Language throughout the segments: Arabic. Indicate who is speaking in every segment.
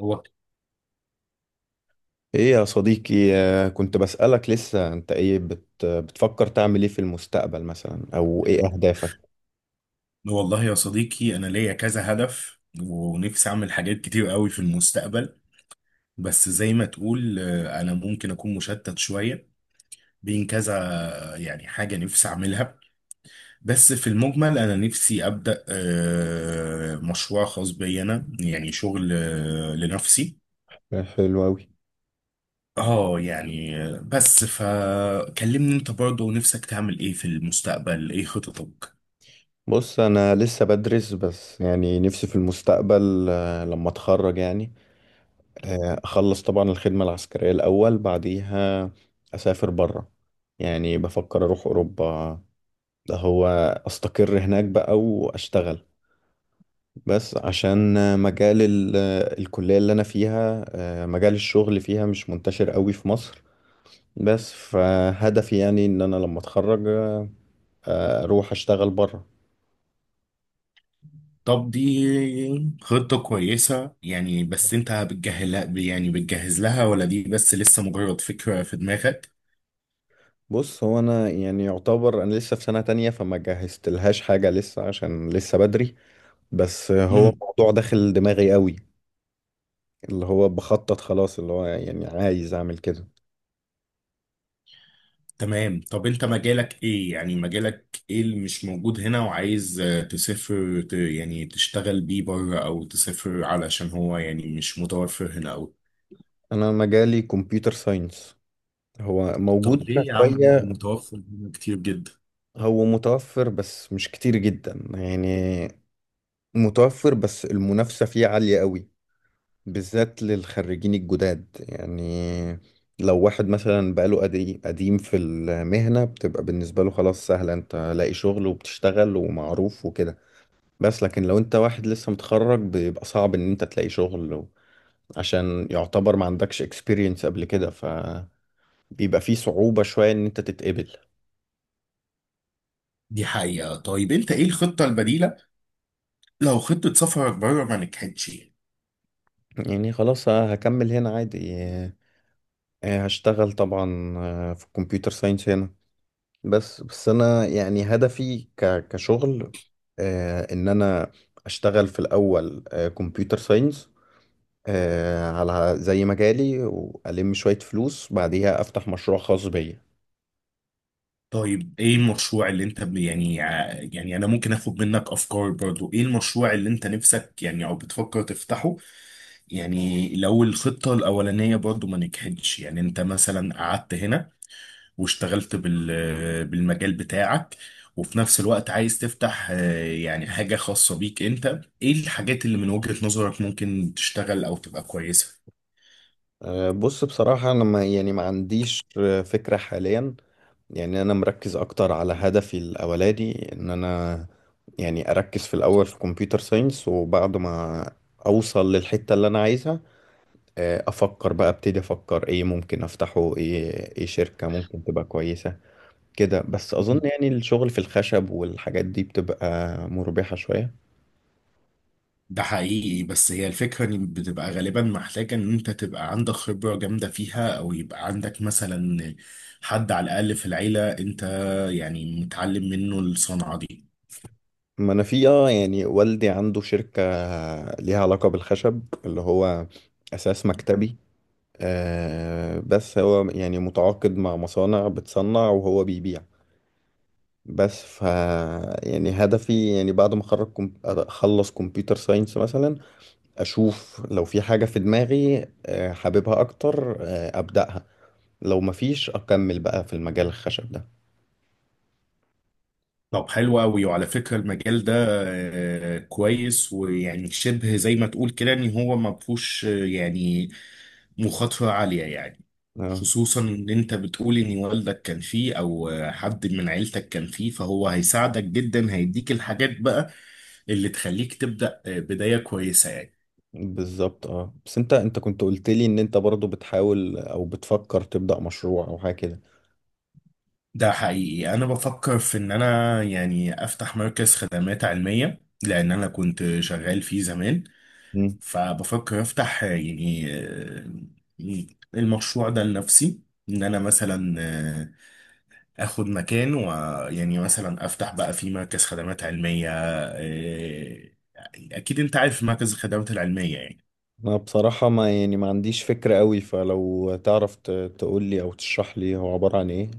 Speaker 1: هو،
Speaker 2: ايه يا صديقي، كنت بسألك لسه انت ايه بتفكر تعمل ايه في المستقبل مثلا او ايه اهدافك؟
Speaker 1: والله يا صديقي انا ليا كذا هدف ونفسي اعمل حاجات كتير قوي في المستقبل. بس زي ما تقول، انا ممكن اكون مشتت شوية بين كذا، يعني حاجة نفسي اعملها. بس في المجمل انا نفسي ابدا مشروع خاص بي انا، يعني شغل لنفسي.
Speaker 2: حلو اوي.
Speaker 1: اه، يعني بس فكلمني انت برضه، نفسك تعمل ايه في المستقبل؟ ايه خططك؟
Speaker 2: بص انا لسه بدرس، بس يعني نفسي في المستقبل لما اتخرج يعني. اخلص طبعا الخدمة العسكرية الاول، بعديها اسافر برا. يعني بفكر اروح اوروبا. ده هو، استقر هناك بقى واشتغل. بس عشان مجال الكلية اللي أنا فيها، مجال الشغل فيها مش منتشر قوي في مصر. بس فهدفي يعني ان انا لما اتخرج اروح اشتغل بره.
Speaker 1: طب دي خطة كويسة يعني، بس انت بتجهلها، يعني بتجهز لها، ولا دي بس لسه مجرد فكرة في دماغك؟
Speaker 2: بص هو انا يعني يعتبر انا لسه في سنة تانية، فما جهزتلهاش حاجة لسه عشان لسه بدري. بس هو
Speaker 1: امم
Speaker 2: الموضوع داخل دماغي قوي. اللي هو بخطط خلاص، اللي هو يعني عايز اعمل كده.
Speaker 1: تمام. طب انت مجالك ايه؟ يعني مجالك ايه اللي مش موجود هنا، وعايز تسافر يعني تشتغل بيه بره، او تسافر علشان هو يعني مش متوفر هنا او.
Speaker 2: انا مجالي كمبيوتر ساينس. هو
Speaker 1: طب
Speaker 2: موجود هنا
Speaker 1: ليه يا عم؟ ما هو
Speaker 2: شوية.
Speaker 1: متوفر هنا كتير جدا.
Speaker 2: هو متوفر بس مش كتير جدا يعني. متوفر، بس المنافسة فيه عالية قوي، بالذات للخريجين الجداد يعني. لو واحد مثلا بقاله قديم في المهنة بتبقى بالنسبة له خلاص سهلة، انت لاقي شغل وبتشتغل ومعروف وكده. بس لكن لو انت واحد لسه متخرج بيبقى صعب ان انت تلاقي شغل. عشان يعتبر ما عندكش experience قبل كده فبيبقى في صعوبة شوية ان انت تتقبل.
Speaker 1: دي حقيقة. طيب انت ايه الخطة البديلة لو خطة سفرك بره ما نجحتش؟
Speaker 2: يعني خلاص هكمل هنا عادي، هشتغل طبعا في الكمبيوتر ساينس هنا. بس انا يعني هدفي كشغل ان انا اشتغل في الاول كمبيوتر ساينس على زي مجالي، والم شوية فلوس بعديها افتح مشروع خاص بيا.
Speaker 1: طيب ايه المشروع اللي انت يعني يعني انا ممكن اخد منك افكار برضو؟ ايه المشروع اللي انت نفسك يعني او بتفكر تفتحه؟ يعني لو الخطة الاولانية برضو ما نجحتش، يعني انت مثلا قعدت هنا واشتغلت بالمجال بتاعك، وفي نفس الوقت عايز تفتح يعني حاجة خاصة بيك، انت ايه الحاجات اللي من وجهة نظرك ممكن تشتغل او تبقى كويسة؟
Speaker 2: بص بصراحة انا ما يعني ما عنديش فكرة حاليا. يعني انا مركز اكتر على هدفي الاولاني، ان انا يعني اركز في الاول في كمبيوتر ساينس، وبعد ما اوصل للحتة اللي انا عايزها افكر بقى، ابتدي افكر ايه ممكن افتحه، ايه شركة ممكن تبقى كويسة كده. بس اظن يعني الشغل في الخشب والحاجات دي بتبقى مربحة شوية.
Speaker 1: ده حقيقي. بس هي الفكرة ان بتبقى غالبا محتاجة ان انت تبقى عندك خبرة جامدة فيها، او يبقى عندك مثلا حد على الاقل في العيلة انت يعني متعلم منه الصنعة دي.
Speaker 2: ما انا في يعني والدي عنده شركة ليها علاقة بالخشب اللي هو اساس مكتبي. بس هو يعني متعاقد مع مصانع بتصنع وهو بيبيع. بس يعني هدفي يعني بعد ما اخرج اخلص كمبيوتر ساينس مثلا. اشوف لو في حاجة في دماغي حاببها اكتر، ابدأها. لو مفيش اكمل بقى في المجال الخشب ده.
Speaker 1: طب حلو قوي. وعلى فكرة المجال ده كويس، ويعني شبه زي ما تقول كده ان هو ما فيهوش يعني مخاطرة عالية يعني،
Speaker 2: اه،
Speaker 1: خصوصا ان انت بتقول ان والدك كان فيه، او حد من عيلتك كان فيه، فهو هيساعدك جدا، هيديك الحاجات بقى اللي تخليك تبدأ بداية كويسة يعني.
Speaker 2: بالظبط، اه. بس انت كنت قلت لي ان انت برضو بتحاول او بتفكر تبدأ مشروع او حاجة كده؟
Speaker 1: ده حقيقي. انا بفكر في ان انا يعني افتح مركز خدمات علمية، لان انا كنت شغال فيه زمان.
Speaker 2: مم.
Speaker 1: فبفكر افتح يعني المشروع ده لنفسي، ان انا مثلا اخد مكان، ويعني مثلا افتح بقى في مركز خدمات علميه. إيه، اكيد انت عارف مركز الخدمات العلميه يعني.
Speaker 2: انا بصراحة ما يعني ما عنديش فكرة قوي، فلو تعرف تقول لي او تشرح لي هو عبارة عن ايه؟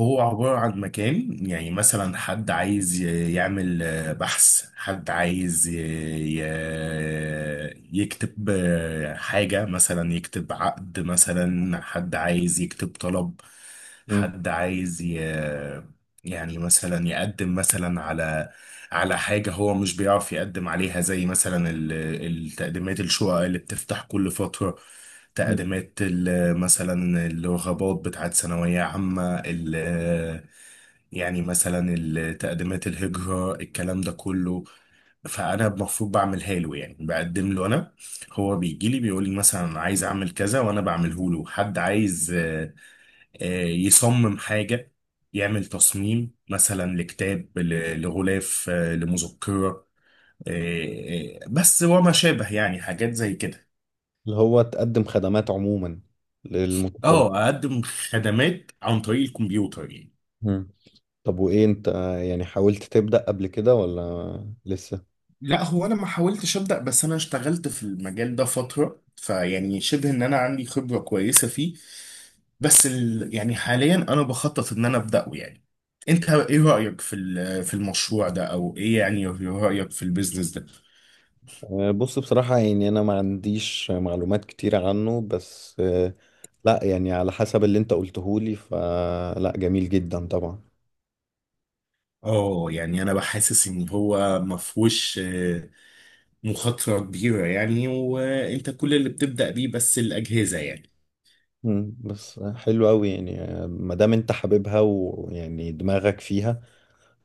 Speaker 1: هو عبارة عن مكان، يعني مثلا حد عايز يعمل بحث، حد عايز يكتب حاجة، مثلا يكتب عقد، مثلا حد عايز يكتب طلب،
Speaker 2: مم.
Speaker 1: حد عايز يعني مثلا يقدم مثلا على على حاجة هو مش بيعرف يقدم عليها، زي مثلا التقديمات الشقق اللي بتفتح كل فترة، تقديمات مثلا الرغبات بتاعت ثانوية عامة، يعني مثلا التقديمات الهجرة، الكلام ده كله. فأنا المفروض بعملها له، يعني بقدم له أنا، هو بيجي لي بيقول لي مثلا أنا عايز أعمل كذا، وأنا بعمله له. حد عايز يصمم حاجة، يعمل تصميم مثلا لكتاب، لغلاف لمذكرة، بس وما شابه، يعني حاجات زي كده.
Speaker 2: اللي هو تقدم خدمات عموما للمتطلب.
Speaker 1: اه، اقدم خدمات عن طريق الكمبيوتر يعني.
Speaker 2: مم. طب وايه انت، يعني حاولت تبدأ قبل كده ولا لسه؟
Speaker 1: لا، هو انا ما حاولتش ابدا، بس انا اشتغلت في المجال ده فتره، فيعني شبه ان انا عندي خبره كويسه فيه. بس يعني حاليا انا بخطط ان انا ابداه يعني. انت ايه رايك في في المشروع ده؟ او ايه يعني رايك في البيزنس ده؟
Speaker 2: بص بصراحة يعني أنا ما عنديش معلومات كتيرة عنه، بس لا يعني على حسب اللي أنت قلتهولي فلا جميل جدا طبعا.
Speaker 1: اه، يعني انا بحسس ان هو ما فيهوش مخاطره كبيره يعني، وانت كل اللي بتبدا بيه بس الاجهزه يعني.
Speaker 2: بس حلو أوي يعني ما دام أنت حاببها ويعني دماغك فيها،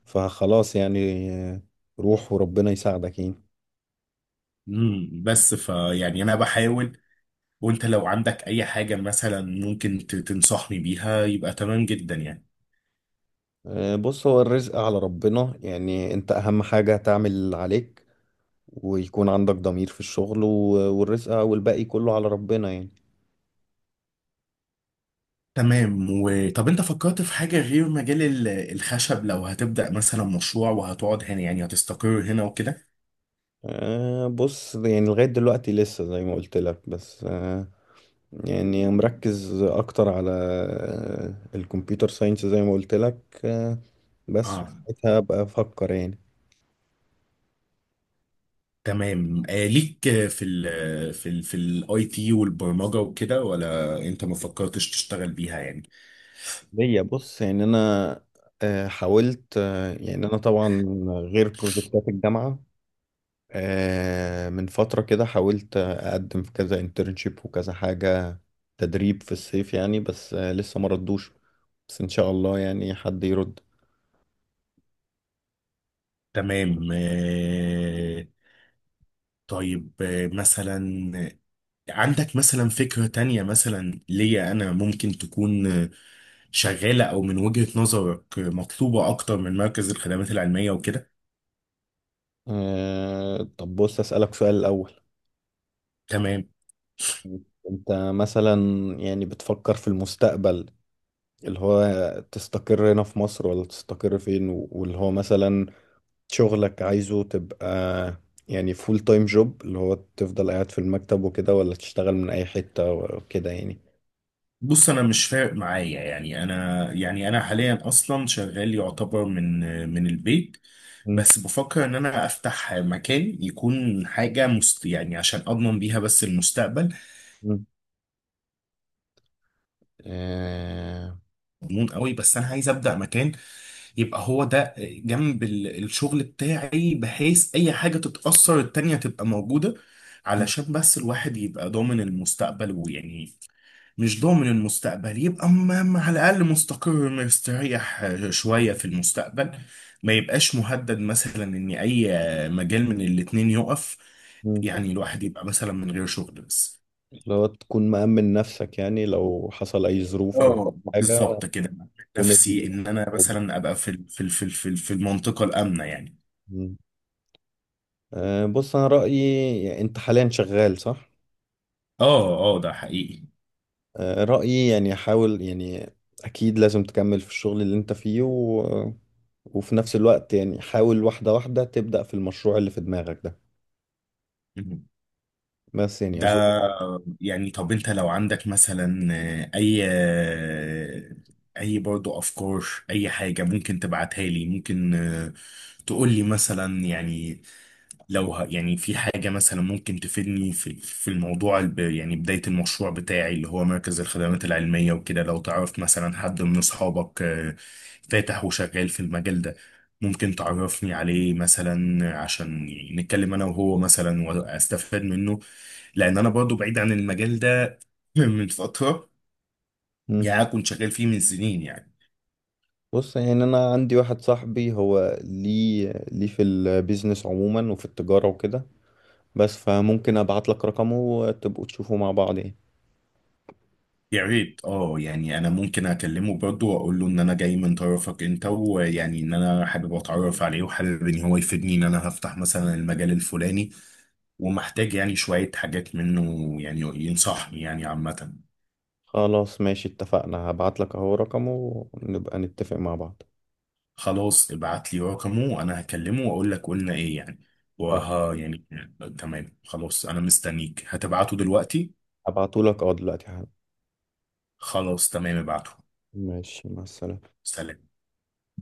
Speaker 2: فخلاص يعني روح وربنا يساعدك يعني.
Speaker 1: بس فيعني انا بحاول، وانت لو عندك اي حاجة مثلا ممكن تنصحني بيها يبقى تمام جدا يعني.
Speaker 2: بص هو الرزق على ربنا يعني. أنت أهم حاجة تعمل اللي عليك، ويكون عندك ضمير في الشغل والرزق والباقي كله على ربنا يعني.
Speaker 1: تمام. وطب انت فكرت في حاجة غير مجال الخشب، لو هتبدأ مثلا مشروع، وهتقعد هنا يعني هتستقر هنا وكده؟
Speaker 2: بص يعني لغاية دلوقتي لسه زي ما قلت لك، بس يعني مركز أكتر على الكمبيوتر ساينس زي ما قلت لك. أه بس
Speaker 1: اه
Speaker 2: وساعتها أبقى أفكر يعني.
Speaker 1: تمام. آه ليك في الاي تي والبرمجة وكده، ولا انت ما فكرتش تشتغل بيها يعني؟
Speaker 2: ليا، بص يعني أنا حاولت، يعني أنا طبعا غير بروجكتات الجامعة، من فترة كده حاولت أقدم في كذا انترنشيب وكذا حاجة تدريب في الصيف يعني، بس لسه ما ردوش. بس إن شاء الله يعني حد يرد.
Speaker 1: تمام آه. طيب آه، مثلا عندك مثلا فكرة تانية مثلا ليا أنا ممكن تكون شغالة، أو من وجهة نظرك مطلوبة أكتر من مركز الخدمات العلمية وكده؟
Speaker 2: طب بص أسألك سؤال الأول.
Speaker 1: تمام.
Speaker 2: أنت مثلا يعني بتفكر في المستقبل، اللي هو تستقر هنا في مصر ولا تستقر فين؟ واللي هو مثلا شغلك عايزه تبقى يعني فول تايم جوب، اللي هو تفضل قاعد في المكتب وكده ولا تشتغل من أي حتة وكده يعني؟
Speaker 1: بص أنا مش فارق معايا يعني، أنا يعني أنا حاليا أصلا شغال يعتبر من البيت.
Speaker 2: م-
Speaker 1: بس بفكر إن أنا أفتح مكان يكون حاجة مست يعني، عشان أضمن بيها بس المستقبل
Speaker 2: م. آه،
Speaker 1: مضمون قوي. بس أنا عايز أبدأ مكان يبقى هو ده جنب الشغل بتاعي، بحيث اي حاجة تتأثر التانية تبقى موجودة،
Speaker 2: م-
Speaker 1: علشان بس الواحد يبقى ضامن المستقبل. ويعني مش ضامن المستقبل، يبقى على الأقل مستقر مستريح شوية في المستقبل، ما يبقاش مهدد مثلا ان اي مجال من الاتنين يقف،
Speaker 2: م.
Speaker 1: يعني الواحد يبقى مثلا من غير شغل بس.
Speaker 2: اللي هو تكون مأمن نفسك يعني لو حصل أي ظروف أو
Speaker 1: اه،
Speaker 2: حاجة.
Speaker 1: بالظبط كده.
Speaker 2: تكون
Speaker 1: نفسي ان انا مثلا ابقى في في المنطقة الآمنة يعني.
Speaker 2: موجود. بص انا رايي، يعني انت حاليا شغال صح؟
Speaker 1: اه، اه، ده حقيقي
Speaker 2: رايي يعني حاول يعني، اكيد لازم تكمل في الشغل اللي انت فيه وفي نفس الوقت يعني حاول واحده واحده تبدا في المشروع اللي في دماغك ده.
Speaker 1: مهم.
Speaker 2: بس يعني
Speaker 1: ده
Speaker 2: اظن.
Speaker 1: يعني، طب انت لو عندك مثلا اي برضو افكار، اي حاجة ممكن تبعتها لي، ممكن تقول لي مثلا، يعني لو يعني في حاجة مثلا ممكن تفيدني في الموضوع يعني بداية المشروع بتاعي اللي هو مركز الخدمات العلمية وكده. لو تعرف مثلا حد من أصحابك فاتح وشغال في المجال ده، ممكن تعرفني عليه مثلا، عشان يعني نتكلم أنا وهو مثلا وأستفاد منه، لأن أنا برضو بعيد عن المجال ده من فترة،
Speaker 2: مم.
Speaker 1: يعني أنا كنت شغال فيه من سنين يعني.
Speaker 2: بص يعني انا عندي واحد صاحبي، هو ليه في البيزنس عموما وفي التجاره وكده. بس فممكن ابعت لك رقمه وتبقوا تشوفوا مع بعض يعني.
Speaker 1: يا ريت. اه، يعني انا ممكن اكلمه برضه واقول له ان انا جاي من طرفك انت، ويعني ان انا حابب اتعرف عليه، وحابب ان هو يفيدني، ان انا هفتح مثلا المجال الفلاني، ومحتاج يعني شوية حاجات منه، يعني ينصحني يعني عامة.
Speaker 2: خلاص ماشي اتفقنا، هبعت لك اهو رقمه ونبقى نتفق مع بعض.
Speaker 1: خلاص، ابعت لي رقمه، وانا هكلمه واقول لك قلنا ايه يعني. وها يعني تمام. خلاص انا مستنيك، هتبعته دلوقتي.
Speaker 2: هبعتهولك دلوقتي حالا.
Speaker 1: خلاص تمام ابعته.
Speaker 2: ماشي مع السلامة.
Speaker 1: سلام.